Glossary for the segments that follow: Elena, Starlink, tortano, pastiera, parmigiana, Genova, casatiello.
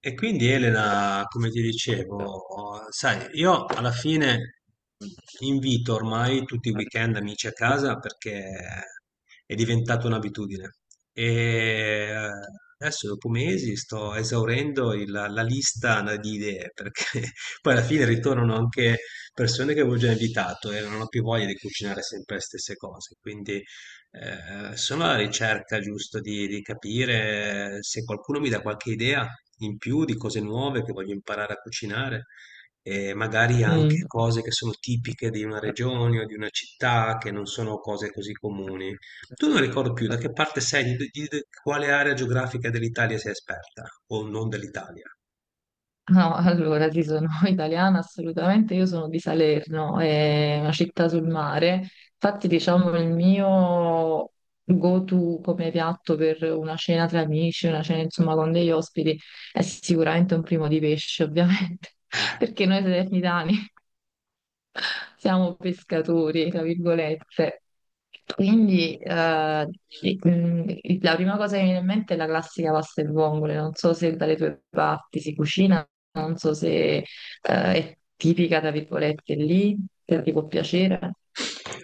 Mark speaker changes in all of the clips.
Speaker 1: E quindi Elena, come ti dicevo, sai, io alla fine invito ormai tutti i weekend amici a casa perché è diventata un'abitudine. E eh, Adesso, dopo mesi, sto esaurendo la lista di idee perché poi alla fine ritornano anche persone che avevo già invitato e non ho più voglia di cucinare sempre le stesse cose. Quindi sono alla ricerca giusto di capire se qualcuno mi dà qualche idea in più di cose nuove che voglio imparare a cucinare e magari anche
Speaker 2: Mm.
Speaker 1: cose che sono tipiche di una regione o di una città che non sono cose così comuni. Tu non ricordo più da che parte sei, di quale area geografica dell'Italia sei esperta o non dell'Italia.
Speaker 2: No, allora sì, sono italiana assolutamente, io sono di Salerno, è una città sul mare, infatti diciamo il mio go-to come piatto per una cena tra amici, una cena insomma con degli ospiti, è sicuramente un primo di pesce ovviamente,
Speaker 1: Eh,
Speaker 2: perché noi salernitani siamo pescatori, tra virgolette. Quindi sì, mm, la prima cosa che mi viene in mente è la classica pasta e vongole. Non so se dalle tue parti si cucina, non so se, è tipica, tra virgolette, lì, se ti può piacere.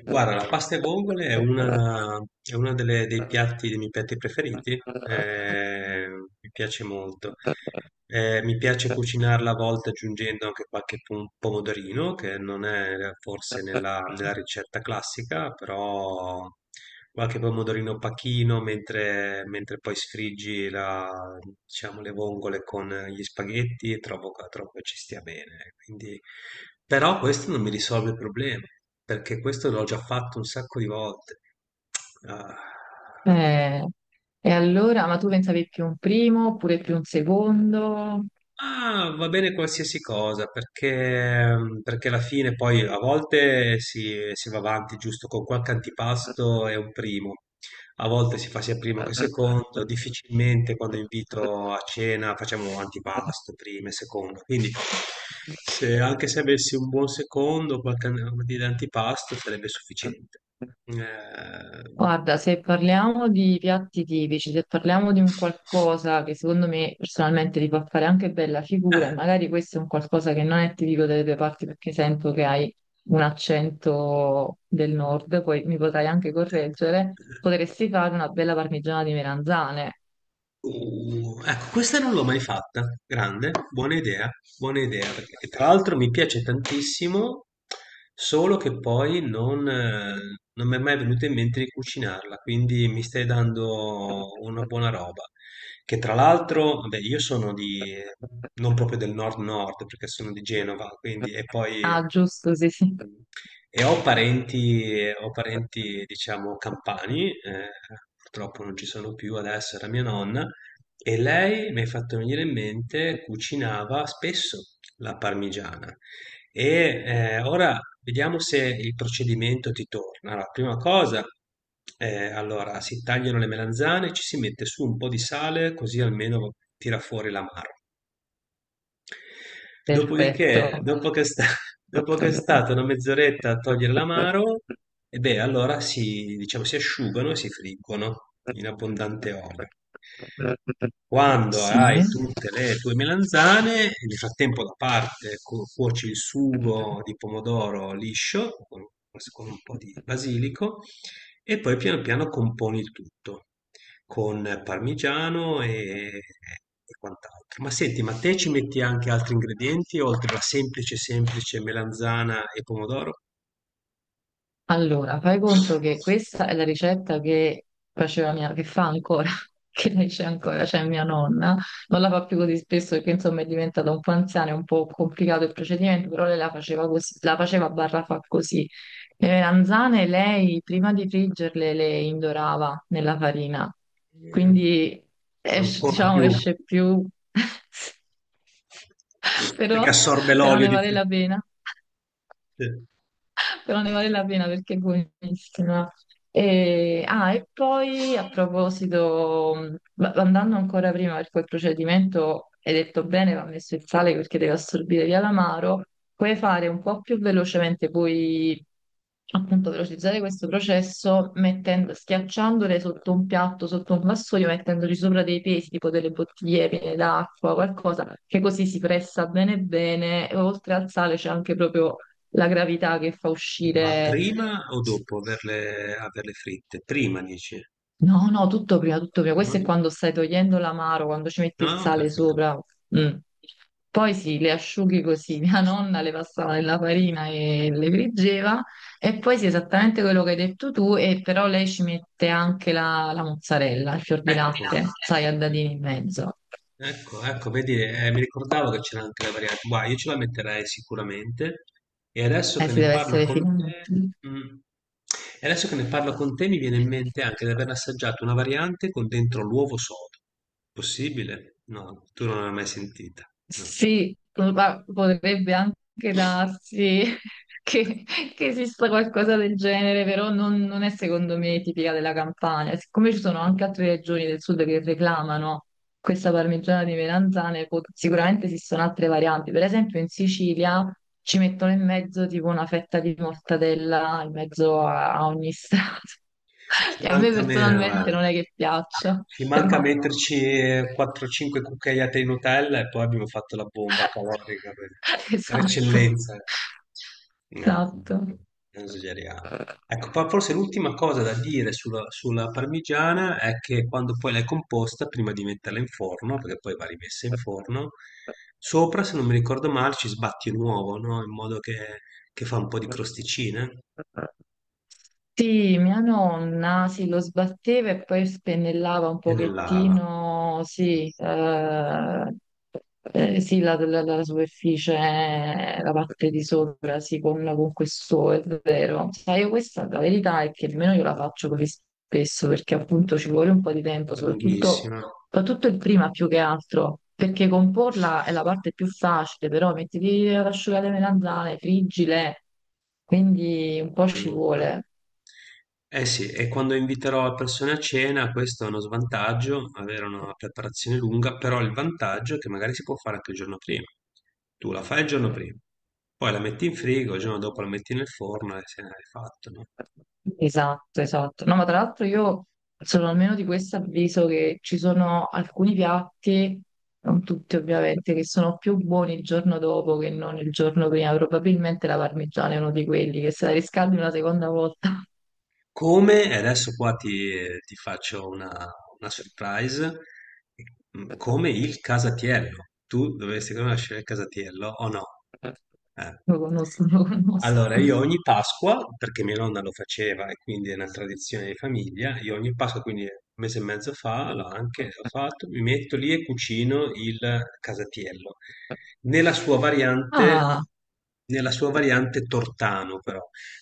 Speaker 1: Guarda, la pasta e vongole è è una dei piatti, dei miei piatti preferiti, mi piace molto. Mi piace cucinarla a volte aggiungendo anche qualche pomodorino, che non è forse nella ricetta classica, però qualche pomodorino pacchino mentre poi sfriggi diciamo, le vongole con gli spaghetti e trovo che ci stia bene. Quindi, però questo non mi risolve il problema, perché questo l'ho già fatto un sacco di volte. Ah.
Speaker 2: Eh, e allora, ma tu pensavi più un primo oppure più un secondo?
Speaker 1: Ah, va bene qualsiasi cosa, perché alla fine poi a volte si va avanti giusto con qualche antipasto e un primo, a volte si fa sia primo che secondo, difficilmente quando invito a cena facciamo antipasto, primo e secondo, quindi anche se avessi un buon secondo, qualche an- di antipasto sarebbe sufficiente. Eh,
Speaker 2: Guarda, se parliamo di piatti tipici, se parliamo di un qualcosa che secondo me personalmente ti fa fare anche bella figura, e
Speaker 1: eh,
Speaker 2: magari questo è un qualcosa che non è tipico delle tue parti perché sento che hai un accento del nord, poi mi potrai anche correggere, potresti fare una bella parmigiana di melanzane.
Speaker 1: Ecco, questa non l'ho mai fatta. Grande, buona idea, perché tra l'altro mi piace tantissimo, solo che poi non, non mi è mai venuto in mente di cucinarla, quindi mi stai dando una buona roba. Che tra l'altro, vabbè, non proprio del nord-nord, perché sono di Genova, quindi, e poi,
Speaker 2: Ah, giusto, sì, sì.
Speaker 1: e ho parenti, diciamo, campani, purtroppo non ci sono più adesso, era mia nonna, e lei m'hai fatto venire in mente, cucinava spesso la parmigiana. Ora vediamo se il procedimento ti torna. Allora, prima cosa, si tagliano le melanzane, ci si mette su un po' di sale, così almeno tira fuori l'amaro. Dopodiché,
Speaker 2: Perfetto.
Speaker 1: dopo che è stata una mezz'oretta a togliere l'amaro, e beh, diciamo, si asciugano e si friggono in abbondante olio. Quando hai
Speaker 2: Sì.
Speaker 1: tutte le tue melanzane, nel frattempo da parte cuoci il sugo di pomodoro liscio con un po' di basilico e poi piano piano componi il tutto con parmigiano e quant'altro. Ma senti, ma te ci metti anche altri ingredienti oltre alla semplice melanzana e pomodoro?
Speaker 2: Allora, fai conto che questa è la ricetta che faceva mia, che fa ancora, che lei c'è ancora, cioè mia nonna. Non la fa più così spesso perché insomma è diventata un po' anziana, è un po' complicato il procedimento, però lei la faceva così, la faceva barra fa così. Le melanzane lei prima di friggerle le indorava nella farina,
Speaker 1: Mm,
Speaker 2: quindi
Speaker 1: ancora
Speaker 2: diciamo
Speaker 1: più
Speaker 2: esce più,
Speaker 1: perché
Speaker 2: però,
Speaker 1: assorbe
Speaker 2: però
Speaker 1: l'olio
Speaker 2: ne
Speaker 1: di
Speaker 2: vale la pena.
Speaker 1: fritte.
Speaker 2: Però ne vale la pena perché è buonissima. E, ah, e poi a proposito, andando ancora prima per quel procedimento, hai detto bene, va messo il sale perché deve assorbire via l'amaro, puoi fare un po' più velocemente, puoi appunto velocizzare questo processo mettendo, schiacciandole sotto un piatto, sotto un vassoio, mettendoci sopra dei pesi, tipo delle bottiglie piene d'acqua, qualcosa, che così si pressa bene bene, e oltre al sale c'è anche proprio la gravità che fa
Speaker 1: Ma
Speaker 2: uscire...
Speaker 1: prima o dopo averle fritte? Prima dici?
Speaker 2: No, no, tutto prima, tutto prima. Questo è quando stai togliendo l'amaro, quando ci metti il
Speaker 1: Ah, ok,
Speaker 2: sale
Speaker 1: ok.
Speaker 2: sopra. Mm. Poi sì, le asciughi così. Mia nonna le passava nella farina e le friggeva. E poi sì, esattamente quello che hai detto tu, e però lei ci mette anche la mozzarella, il fior di
Speaker 1: Ecco,
Speaker 2: latte, sai, a dadini in mezzo.
Speaker 1: ecco, ecco, vedi, mi ricordavo che c'era anche la variante. Guarda, io ce la metterei sicuramente. E adesso che
Speaker 2: Si
Speaker 1: ne
Speaker 2: deve
Speaker 1: parlo
Speaker 2: essere
Speaker 1: con
Speaker 2: finito.
Speaker 1: te, mm, e adesso che ne parlo con te, mi viene in mente anche di aver assaggiato una variante con dentro l'uovo sodo. Possibile? No, tu non l'hai mai sentita. No.
Speaker 2: Sì, ma potrebbe anche darsi che, che esista qualcosa del genere, però non, non è secondo me tipica della Campania. Siccome ci sono anche altre regioni del sud che reclamano questa parmigiana di melanzane, sicuramente esistono altre varianti. Per esempio in Sicilia ci mettono in mezzo tipo una fetta di mortadella in mezzo a, a ogni strato,
Speaker 1: Ci
Speaker 2: che a me
Speaker 1: manca meno,
Speaker 2: personalmente
Speaker 1: guarda.
Speaker 2: non è che piaccia,
Speaker 1: Ci manca
Speaker 2: però
Speaker 1: metterci 4-5 cucchiaiate di Nutella e poi abbiamo fatto la bomba calorica per
Speaker 2: esatto,
Speaker 1: eccellenza. Eh,
Speaker 2: esatto.
Speaker 1: non esageriamo. Ecco, poi forse l'ultima cosa da dire sulla parmigiana è che quando poi l'hai composta, prima di metterla in forno, perché poi va rimessa in forno, sopra, se non mi ricordo male, ci sbatti un uovo, no? In modo che fa un po' di crosticina
Speaker 2: Sì, mia nonna, sì, lo sbatteva e poi spennellava un
Speaker 1: e ne lava.
Speaker 2: pochettino, sì, sì, la superficie, la parte di sopra, sì, con questo, è vero. Sai, io questa la verità è che nemmeno io la faccio così spesso, perché appunto ci vuole un po' di tempo, soprattutto,
Speaker 1: Lunghissima.
Speaker 2: soprattutto il prima più che altro, perché comporla è la parte più facile, però mettiti ad asciugare le melanzane, friggile, quindi un po'
Speaker 1: È
Speaker 2: ci
Speaker 1: lunga.
Speaker 2: vuole.
Speaker 1: Eh sì, e quando inviterò persone a cena, questo è uno svantaggio, avere una preparazione lunga, però il vantaggio è che magari si può fare anche il giorno prima. Tu la fai il giorno prima, poi la metti in frigo, il giorno dopo la metti nel forno e se ne hai fatto, no?
Speaker 2: Esatto, esatto. No, ma tra l'altro io sono almeno di questo avviso che ci sono alcuni piatti, non tutti ovviamente, che sono più buoni il giorno dopo che non il giorno prima. Probabilmente la parmigiana è uno di quelli che se la riscaldi una seconda volta.
Speaker 1: Come e adesso qua ti faccio una surprise, mhmm, come il casatiello. Tu dovresti conoscere il casatiello o no? Eh.
Speaker 2: Lo conosco, lo
Speaker 1: Allora
Speaker 2: conosco.
Speaker 1: io ogni Pasqua, perché mia nonna lo faceva e quindi è una tradizione di famiglia, io ogni Pasqua, quindi un mese e mezzo fa, l'ho anche ho fatto, mi metto lì e cucino il casatiello. Nella sua variante
Speaker 2: Ah,
Speaker 1: Nella sua variante tortano però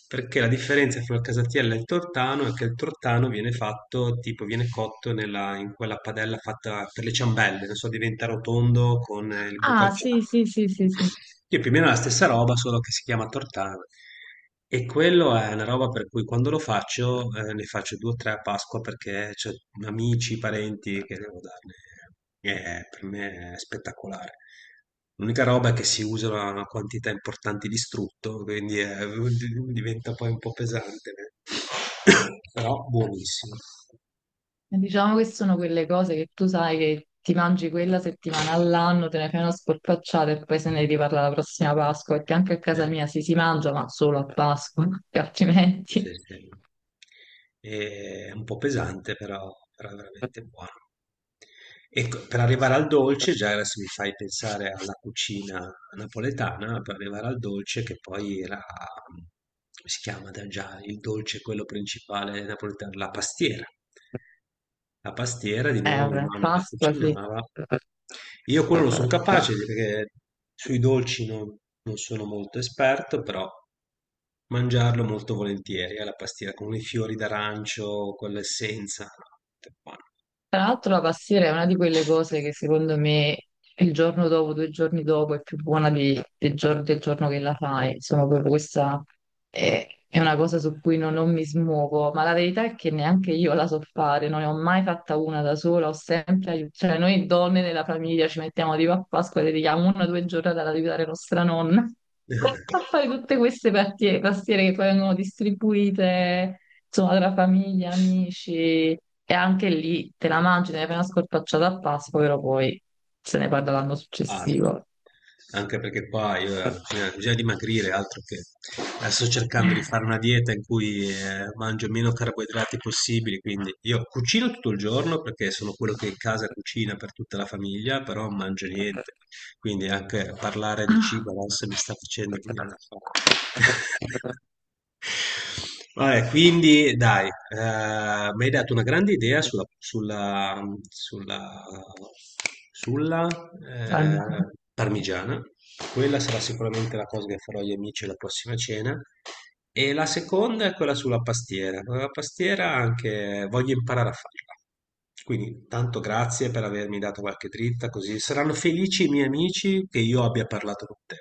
Speaker 1: perché la differenza fra il casatiello e il tortano è che il tortano viene fatto, tipo viene cotto in quella padella fatta per le ciambelle, non so, diventa rotondo con il buco al
Speaker 2: ah, sì, sì, sì, sì, sì.
Speaker 1: sì, più o meno è la stessa roba, solo che si chiama tortana. E quello è una roba per cui quando lo faccio, ne faccio due o tre a Pasqua perché c'ho amici, parenti che devo darne. E per me è spettacolare. L'unica roba è che si usa una quantità importante di strutto, quindi è- diventa poi un po' pesante. Però buonissimo.
Speaker 2: E diciamo che sono quelle cose che tu sai che ti mangi quella settimana all'anno, te ne fai una sporpacciata e poi se ne riparla la prossima Pasqua, perché anche a
Speaker 1: Cioè,
Speaker 2: casa mia si mangia, ma solo a Pasqua, perché
Speaker 1: sì,
Speaker 2: altrimenti...
Speaker 1: sì. E è un po' pesante, però, però è veramente buono. Ecco, per arrivare al dolce, già adesso mi fai pensare alla cucina napoletana, per arrivare al dolce che poi era, come si chiama da già, il dolce quello principale napoletano, la pastiera. La pastiera, di nuovo mia
Speaker 2: Vabbè,
Speaker 1: nonna la
Speaker 2: Pasqua sì.
Speaker 1: cucinava, io quello lo sono capace perché sui dolci non sono molto esperto, però mangiarlo molto volentieri, alla pastiera con i fiori d'arancio, con l'essenza, no, tutto buono.
Speaker 2: Tra l'altro la pastiera è una di quelle cose che secondo me il giorno dopo, due giorni dopo è più buona del, del giorno che la fai. Insomma, proprio questa è una cosa su cui non, non mi smuovo, ma la verità è che neanche io la so fare, non ne ho mai fatta una da sola, ho sempre aiutato. Cioè, noi donne nella famiglia ci mettiamo tipo a Pasqua e dedichiamo una o due giornate ad aiutare nostra nonna a fare tutte queste pastiere che poi vengono distribuite insomma, tra famiglia, amici, e anche lì te la mangi, te ne fai una scorpacciata a Pasqua, però poi se ne parla l'anno
Speaker 1: Ah, sì.
Speaker 2: successivo.
Speaker 1: Anche perché qua io bisogna dimagrire, altro che sto cercando di fare una dieta in cui mangio meno carboidrati possibili, quindi io cucino tutto il giorno perché sono quello che in casa cucina per tutta la famiglia, però non mangio niente, quindi anche parlare di
Speaker 2: Ah,
Speaker 1: cibo adesso mi sta facendo venire una fame. Vabbè, quindi dai, mi hai dato una grande idea sulla, sulla,
Speaker 2: calmi.
Speaker 1: eh, parmigiana. Quella sarà sicuramente la cosa che farò agli amici alla prossima cena. E la seconda è quella sulla pastiera. La pastiera anche voglio imparare a farla. Quindi tanto grazie per avermi dato qualche dritta, così saranno felici i miei amici che io abbia parlato con te.